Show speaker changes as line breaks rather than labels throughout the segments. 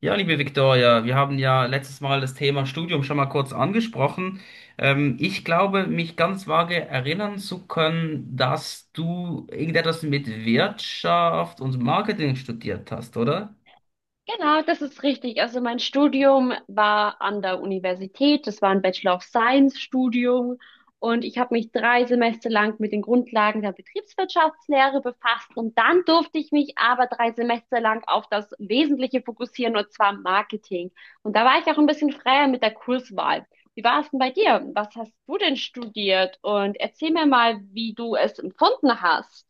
Ja, liebe Viktoria, wir haben ja letztes Mal das Thema Studium schon mal kurz angesprochen. Ich glaube, mich ganz vage erinnern zu können, dass du irgendetwas mit Wirtschaft und Marketing studiert hast, oder?
Genau, das ist richtig. Also mein Studium war an der Universität. Das war ein Bachelor of Science Studium. Und ich habe mich 3 Semester lang mit den Grundlagen der Betriebswirtschaftslehre befasst. Und dann durfte ich mich aber 3 Semester lang auf das Wesentliche fokussieren, und zwar Marketing. Und da war ich auch ein bisschen freier mit der Kurswahl. Wie war es denn bei dir? Was hast du denn studiert? Und erzähl mir mal, wie du es empfunden hast.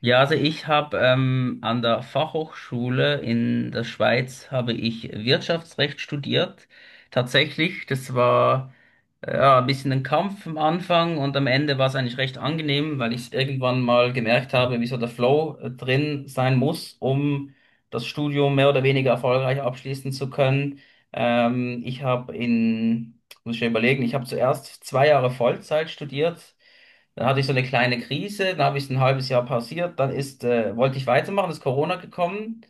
Ja, also ich habe an der Fachhochschule in der Schweiz habe ich Wirtschaftsrecht studiert. Tatsächlich, das war ja, ein bisschen ein Kampf am Anfang und am Ende war es eigentlich recht angenehm, weil ich irgendwann mal gemerkt habe, wie so der Flow drin sein muss, um das Studium mehr oder weniger erfolgreich abschließen zu können. Ich habe muss ich ja überlegen, ich habe zuerst 2 Jahre Vollzeit studiert. Dann hatte ich so eine kleine Krise, dann habe ich es ein halbes Jahr pausiert, dann wollte ich weitermachen, ist Corona gekommen.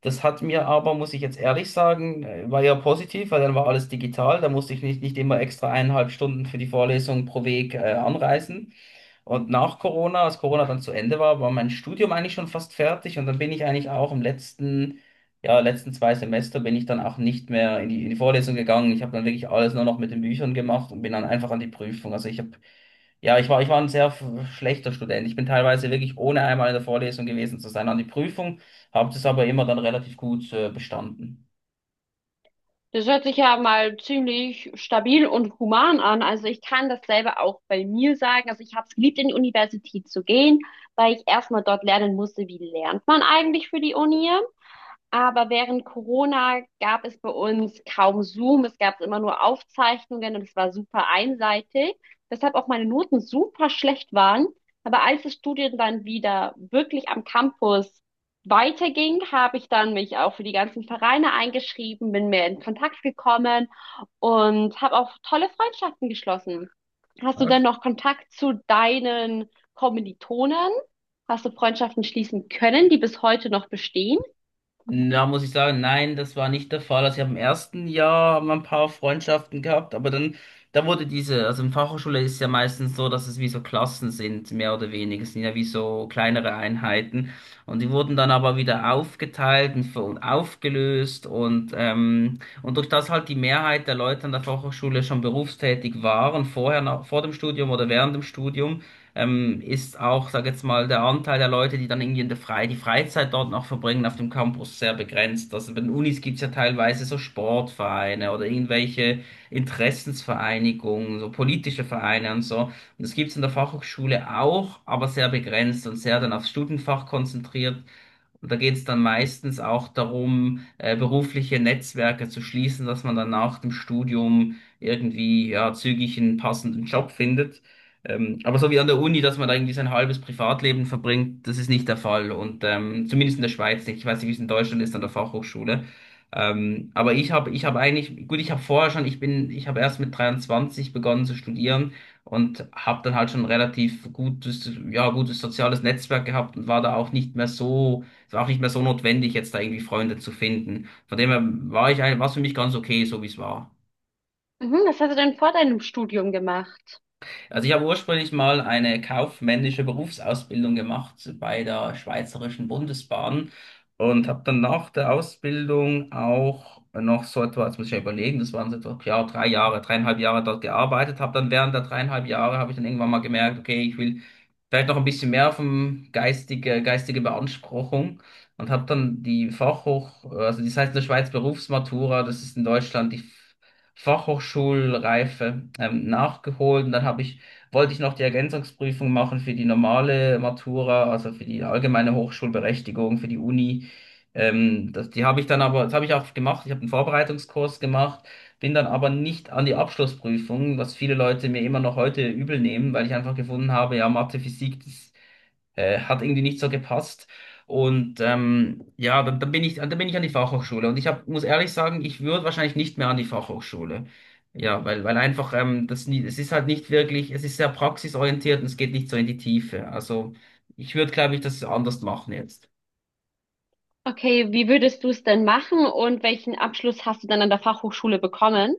Das hat mir aber, muss ich jetzt ehrlich sagen, war ja positiv, weil dann war alles digital. Da musste ich nicht immer extra 1,5 Stunden für die Vorlesung pro Weg anreisen. Und nach Corona, als Corona dann zu Ende war, war mein Studium eigentlich schon fast fertig und dann bin ich eigentlich auch ja, letzten zwei Semester bin ich dann auch nicht mehr in die Vorlesung gegangen. Ich habe dann wirklich alles nur noch mit den Büchern gemacht und bin dann einfach an die Prüfung. Ich war ein sehr schlechter Student. Ich bin teilweise wirklich ohne einmal in der Vorlesung gewesen zu sein an die Prüfung. Habt es aber immer dann relativ gut bestanden.
Das hört sich ja mal ziemlich stabil und human an. Also ich kann dasselbe auch bei mir sagen. Also ich habe es geliebt, in die Universität zu gehen, weil ich erstmal dort lernen musste, wie lernt man eigentlich für die Uni. Aber während Corona gab es bei uns kaum Zoom, es gab immer nur Aufzeichnungen und es war super einseitig, weshalb auch meine Noten super schlecht waren. Aber als das Studium dann wieder wirklich am Campus weiterging, habe ich dann mich auch für die ganzen Vereine eingeschrieben, bin mehr in Kontakt gekommen und habe auch tolle Freundschaften geschlossen. Hast du denn
Arsch.
noch Kontakt zu deinen Kommilitonen? Hast du Freundschaften schließen können, die bis heute noch bestehen?
Da muss ich sagen, nein, das war nicht der Fall. Also ich habe im ersten Jahr mal ein paar Freundschaften gehabt, aber dann, da wurde diese, also in Fachhochschule ist es ja meistens so, dass es wie so Klassen sind, mehr oder weniger. Es sind ja wie so kleinere Einheiten. Und die wurden dann aber wieder aufgeteilt und aufgelöst und, durch das halt die Mehrheit der Leute an der Fachhochschule schon berufstätig waren, vorher, nach, vor dem Studium oder während dem Studium ist auch, sag jetzt mal, der Anteil der Leute, die dann irgendwie in der Frei die Freizeit dort noch verbringen auf dem Campus, sehr begrenzt. Also bei den Unis gibt's ja teilweise so Sportvereine oder irgendwelche Interessensvereinigungen, so politische Vereine und so. Und das gibt's in der Fachhochschule auch, aber sehr begrenzt und sehr dann aufs Studienfach konzentriert. Und da geht es dann meistens auch darum, berufliche Netzwerke zu schließen, dass man dann nach dem Studium irgendwie ja, zügig einen passenden Job findet. Aber so wie an der Uni, dass man da irgendwie sein halbes Privatleben verbringt, das ist nicht der Fall. Und zumindest in der Schweiz nicht. Ich weiß nicht, wie es in Deutschland ist an der Fachhochschule. Aber ich habe eigentlich, gut, ich habe vorher schon, ich habe erst mit 23 begonnen zu studieren und habe dann halt schon ein relativ gutes, ja, gutes soziales Netzwerk gehabt und war da auch nicht mehr so, es war auch nicht mehr so notwendig, jetzt da irgendwie Freunde zu finden. Von dem her war war es für mich ganz okay, so wie es war.
Mhm, was hast du denn vor deinem Studium gemacht?
Also ich habe ursprünglich mal eine kaufmännische Berufsausbildung gemacht bei der Schweizerischen Bundesbahn und habe dann nach der Ausbildung auch noch so etwa, jetzt muss ich ja überlegen, das waren so etwa, ja, 3 Jahre, 3,5 Jahre dort gearbeitet. Habe dann während der 3,5 Jahre, habe ich dann irgendwann mal gemerkt, okay, ich will vielleicht noch ein bisschen mehr vom geistige Beanspruchung, und habe dann also das heißt in der Schweiz Berufsmatura, das ist in Deutschland die Fachhochschulreife nachgeholt. Und dann habe ich wollte ich noch die Ergänzungsprüfung machen für die normale Matura, also für die allgemeine Hochschulberechtigung, für die Uni. Die habe ich dann aber, das habe ich auch gemacht, ich habe einen Vorbereitungskurs gemacht, bin dann aber nicht an die Abschlussprüfung, was viele Leute mir immer noch heute übel nehmen, weil ich einfach gefunden habe, ja, Mathe, Physik, das hat irgendwie nicht so gepasst. Und ja, dann bin ich an die Fachhochschule. Und ich hab, muss ehrlich sagen, ich würde wahrscheinlich nicht mehr an die Fachhochschule. Ja, weil einfach, das, nie- es ist halt nicht wirklich, es ist sehr praxisorientiert und es geht nicht so in die Tiefe. Also ich würde, glaube ich, das anders machen jetzt.
Okay, wie würdest du es denn machen und welchen Abschluss hast du dann an der Fachhochschule bekommen?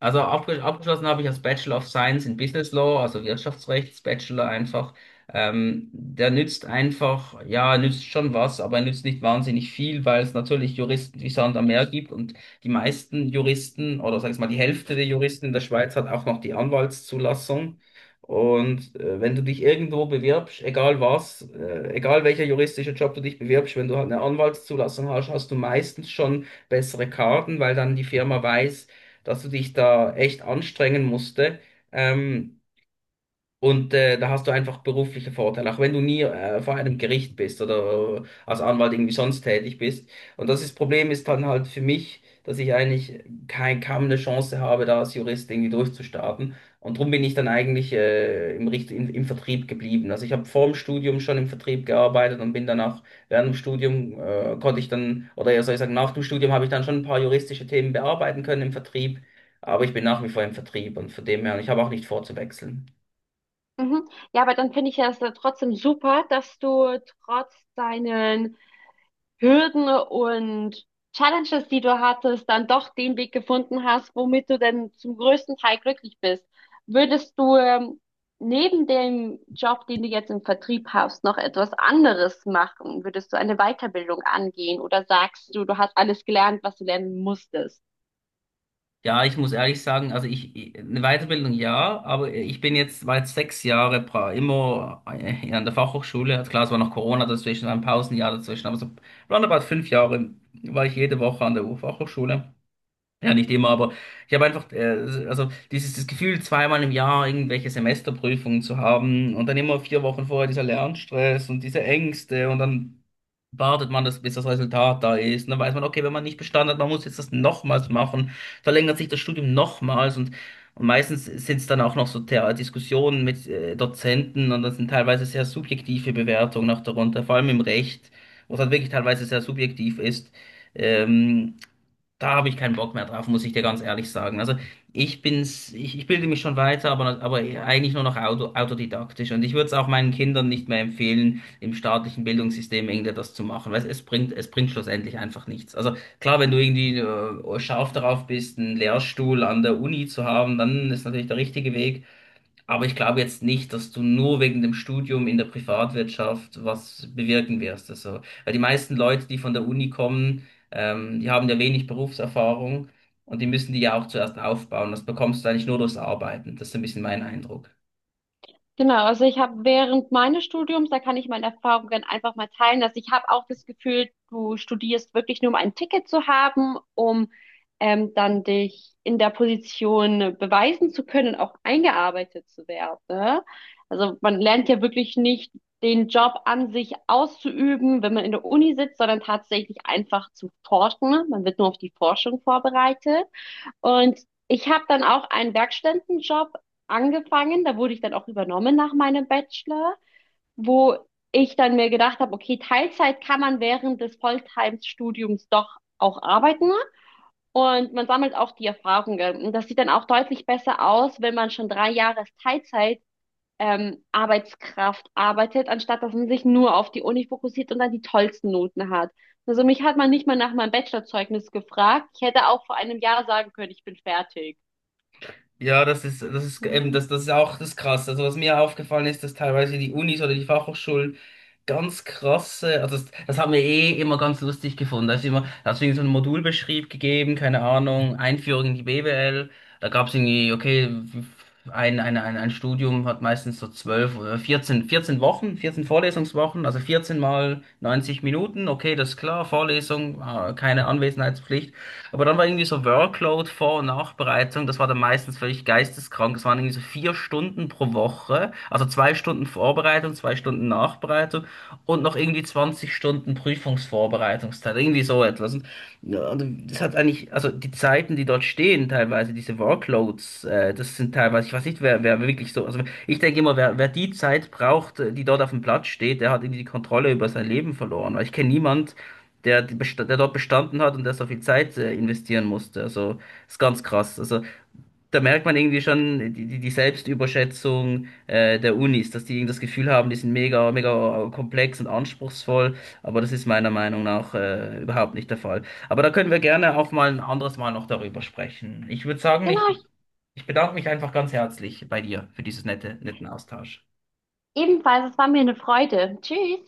Also abgeschlossen habe ich als Bachelor of Science in Business Law, also Wirtschaftsrechts Bachelor einfach. Der nützt einfach, ja, nützt schon was, aber er nützt nicht wahnsinnig viel, weil es natürlich Juristen wie Sand am Meer gibt, und die meisten Juristen oder sag ich mal die Hälfte der Juristen in der Schweiz hat auch noch die Anwaltszulassung. Und wenn du dich irgendwo bewirbst, egal welcher juristische Job du dich bewirbst, wenn du halt eine Anwaltszulassung hast, hast du meistens schon bessere Karten, weil dann die Firma weiß, dass du dich da echt anstrengen musste. Ähm, und da hast du einfach berufliche Vorteile, auch wenn du nie vor einem Gericht bist oder als Anwalt irgendwie sonst tätig bist. Und das ist, Problem ist dann halt für mich, dass ich eigentlich kein, kaum eine Chance habe, da als Jurist irgendwie durchzustarten. Und darum bin ich dann eigentlich im Vertrieb geblieben. Also ich habe vor dem Studium schon im Vertrieb gearbeitet und bin dann auch während dem Studium konnte ich dann, oder ja soll ich sagen, nach dem Studium habe ich dann schon ein paar juristische Themen bearbeiten können im Vertrieb. Aber ich bin nach wie vor im Vertrieb und von dem her, und ich habe auch nicht vor zu wechseln.
Mhm. Ja, aber dann finde ich ja es ja trotzdem super, dass du trotz deinen Hürden und Challenges, die du hattest, dann doch den Weg gefunden hast, womit du denn zum größten Teil glücklich bist. Würdest du neben dem Job, den du jetzt im Vertrieb hast, noch etwas anderes machen? Würdest du eine Weiterbildung angehen oder sagst du, du hast alles gelernt, was du lernen musstest?
Ja, ich muss ehrlich sagen, eine Weiterbildung ja, aber ich bin war jetzt 6 Jahre immer an der Fachhochschule. Also klar, es war noch Corona dazwischen, war ein Pausenjahr dazwischen, aber so roundabout 5 Jahre war ich jede Woche an der Fachhochschule. Ja, nicht immer, aber ich habe einfach, also dieses das Gefühl, zweimal im Jahr irgendwelche Semesterprüfungen zu haben und dann immer 4 Wochen vorher dieser Lernstress und diese Ängste, und dann wartet man, das bis das Resultat da ist. Und dann weiß man, okay, wenn man nicht bestanden hat, man muss jetzt das nochmals machen, verlängert sich das Studium nochmals. Und meistens sind es dann auch noch so Diskussionen mit Dozenten und das sind teilweise sehr subjektive Bewertungen auch darunter, vor allem im Recht, wo es halt wirklich teilweise sehr subjektiv ist. Ähm, da habe ich keinen Bock mehr drauf, muss ich dir ganz ehrlich sagen. Also ich bilde mich schon weiter, aber eigentlich nur noch autodidaktisch. Und ich würde es auch meinen Kindern nicht mehr empfehlen, im staatlichen Bildungssystem irgendwie das zu machen. Weil es bringt schlussendlich einfach nichts. Also klar, wenn du irgendwie scharf darauf bist, einen Lehrstuhl an der Uni zu haben, dann ist natürlich der richtige Weg. Aber ich glaube jetzt nicht, dass du nur wegen dem Studium in der Privatwirtschaft was bewirken wirst. Also, weil die meisten Leute, die von der Uni kommen, die haben ja wenig Berufserfahrung und die müssen die ja auch zuerst aufbauen. Das bekommst du eigentlich nur durchs Arbeiten. Das ist so ein bisschen mein Eindruck.
Genau, also ich habe während meines Studiums, da kann ich meine Erfahrungen einfach mal teilen, dass ich habe auch das Gefühl, du studierst wirklich nur, um ein Ticket zu haben, um dann dich in der Position beweisen zu können und auch eingearbeitet zu werden, ne? Also man lernt ja wirklich nicht den Job an sich auszuüben, wenn man in der Uni sitzt, sondern tatsächlich einfach zu forschen. Man wird nur auf die Forschung vorbereitet. Und ich habe dann auch einen Werkstudentenjob angefangen. Da wurde ich dann auch übernommen nach meinem Bachelor, wo ich dann mir gedacht habe, okay, Teilzeit kann man während des Volltime-Studiums doch auch arbeiten. Und man sammelt auch die Erfahrungen. Und das sieht dann auch deutlich besser aus, wenn man schon 3 Jahre als Teilzeit Arbeitskraft arbeitet, anstatt dass man sich nur auf die Uni fokussiert und dann die tollsten Noten hat. Also mich hat man nicht mal nach meinem Bachelorzeugnis gefragt. Ich hätte auch vor einem Jahr sagen können, ich bin fertig.
Ja, das ist
Genau,
eben, das ist auch das Krasse. Also was mir aufgefallen ist, dass teilweise die Unis oder die Fachhochschulen ganz krasse. Also das haben wir eh immer ganz lustig gefunden. Da ist immer, da hast du irgendwie so einen Modulbeschrieb gegeben, keine Ahnung, Einführung in die BWL. Da gab es irgendwie, okay, ein Studium hat meistens so 12 oder vierzehn Wochen, 14 Vorlesungswochen, also 14 mal 90 Minuten, okay, das ist klar, Vorlesung, ah, keine Anwesenheitspflicht. Aber dann war irgendwie so Workload, Vor- und Nachbereitung, das war dann meistens völlig geisteskrank. Das waren irgendwie so 4 Stunden pro Woche, also 2 Stunden Vorbereitung, 2 Stunden Nachbereitung und noch irgendwie 20 Stunden Prüfungsvorbereitungszeit, irgendwie so etwas. Und ja, und das hat eigentlich, also die Zeiten, die dort stehen, teilweise diese Workloads, das sind teilweise, ich weiß nicht, wer wirklich so, also ich denke immer, wer die Zeit braucht, die dort auf dem Platz steht, der hat irgendwie die Kontrolle über sein Leben verloren. Weil ich kenne niemand, der dort bestanden hat und der so viel Zeit investieren musste. Also ist ganz krass. Also da merkt man irgendwie schon die Selbstüberschätzung der Unis, dass die irgendwie das Gefühl haben, die sind mega, mega komplex und anspruchsvoll, aber das ist meiner Meinung nach überhaupt nicht der Fall. Aber da können wir gerne auch mal ein anderes Mal noch darüber sprechen. Ich würde sagen, ich bedanke mich einfach ganz herzlich bei dir für dieses nette, netten Austausch.
ebenfalls. Es war mir eine Freude. Tschüss.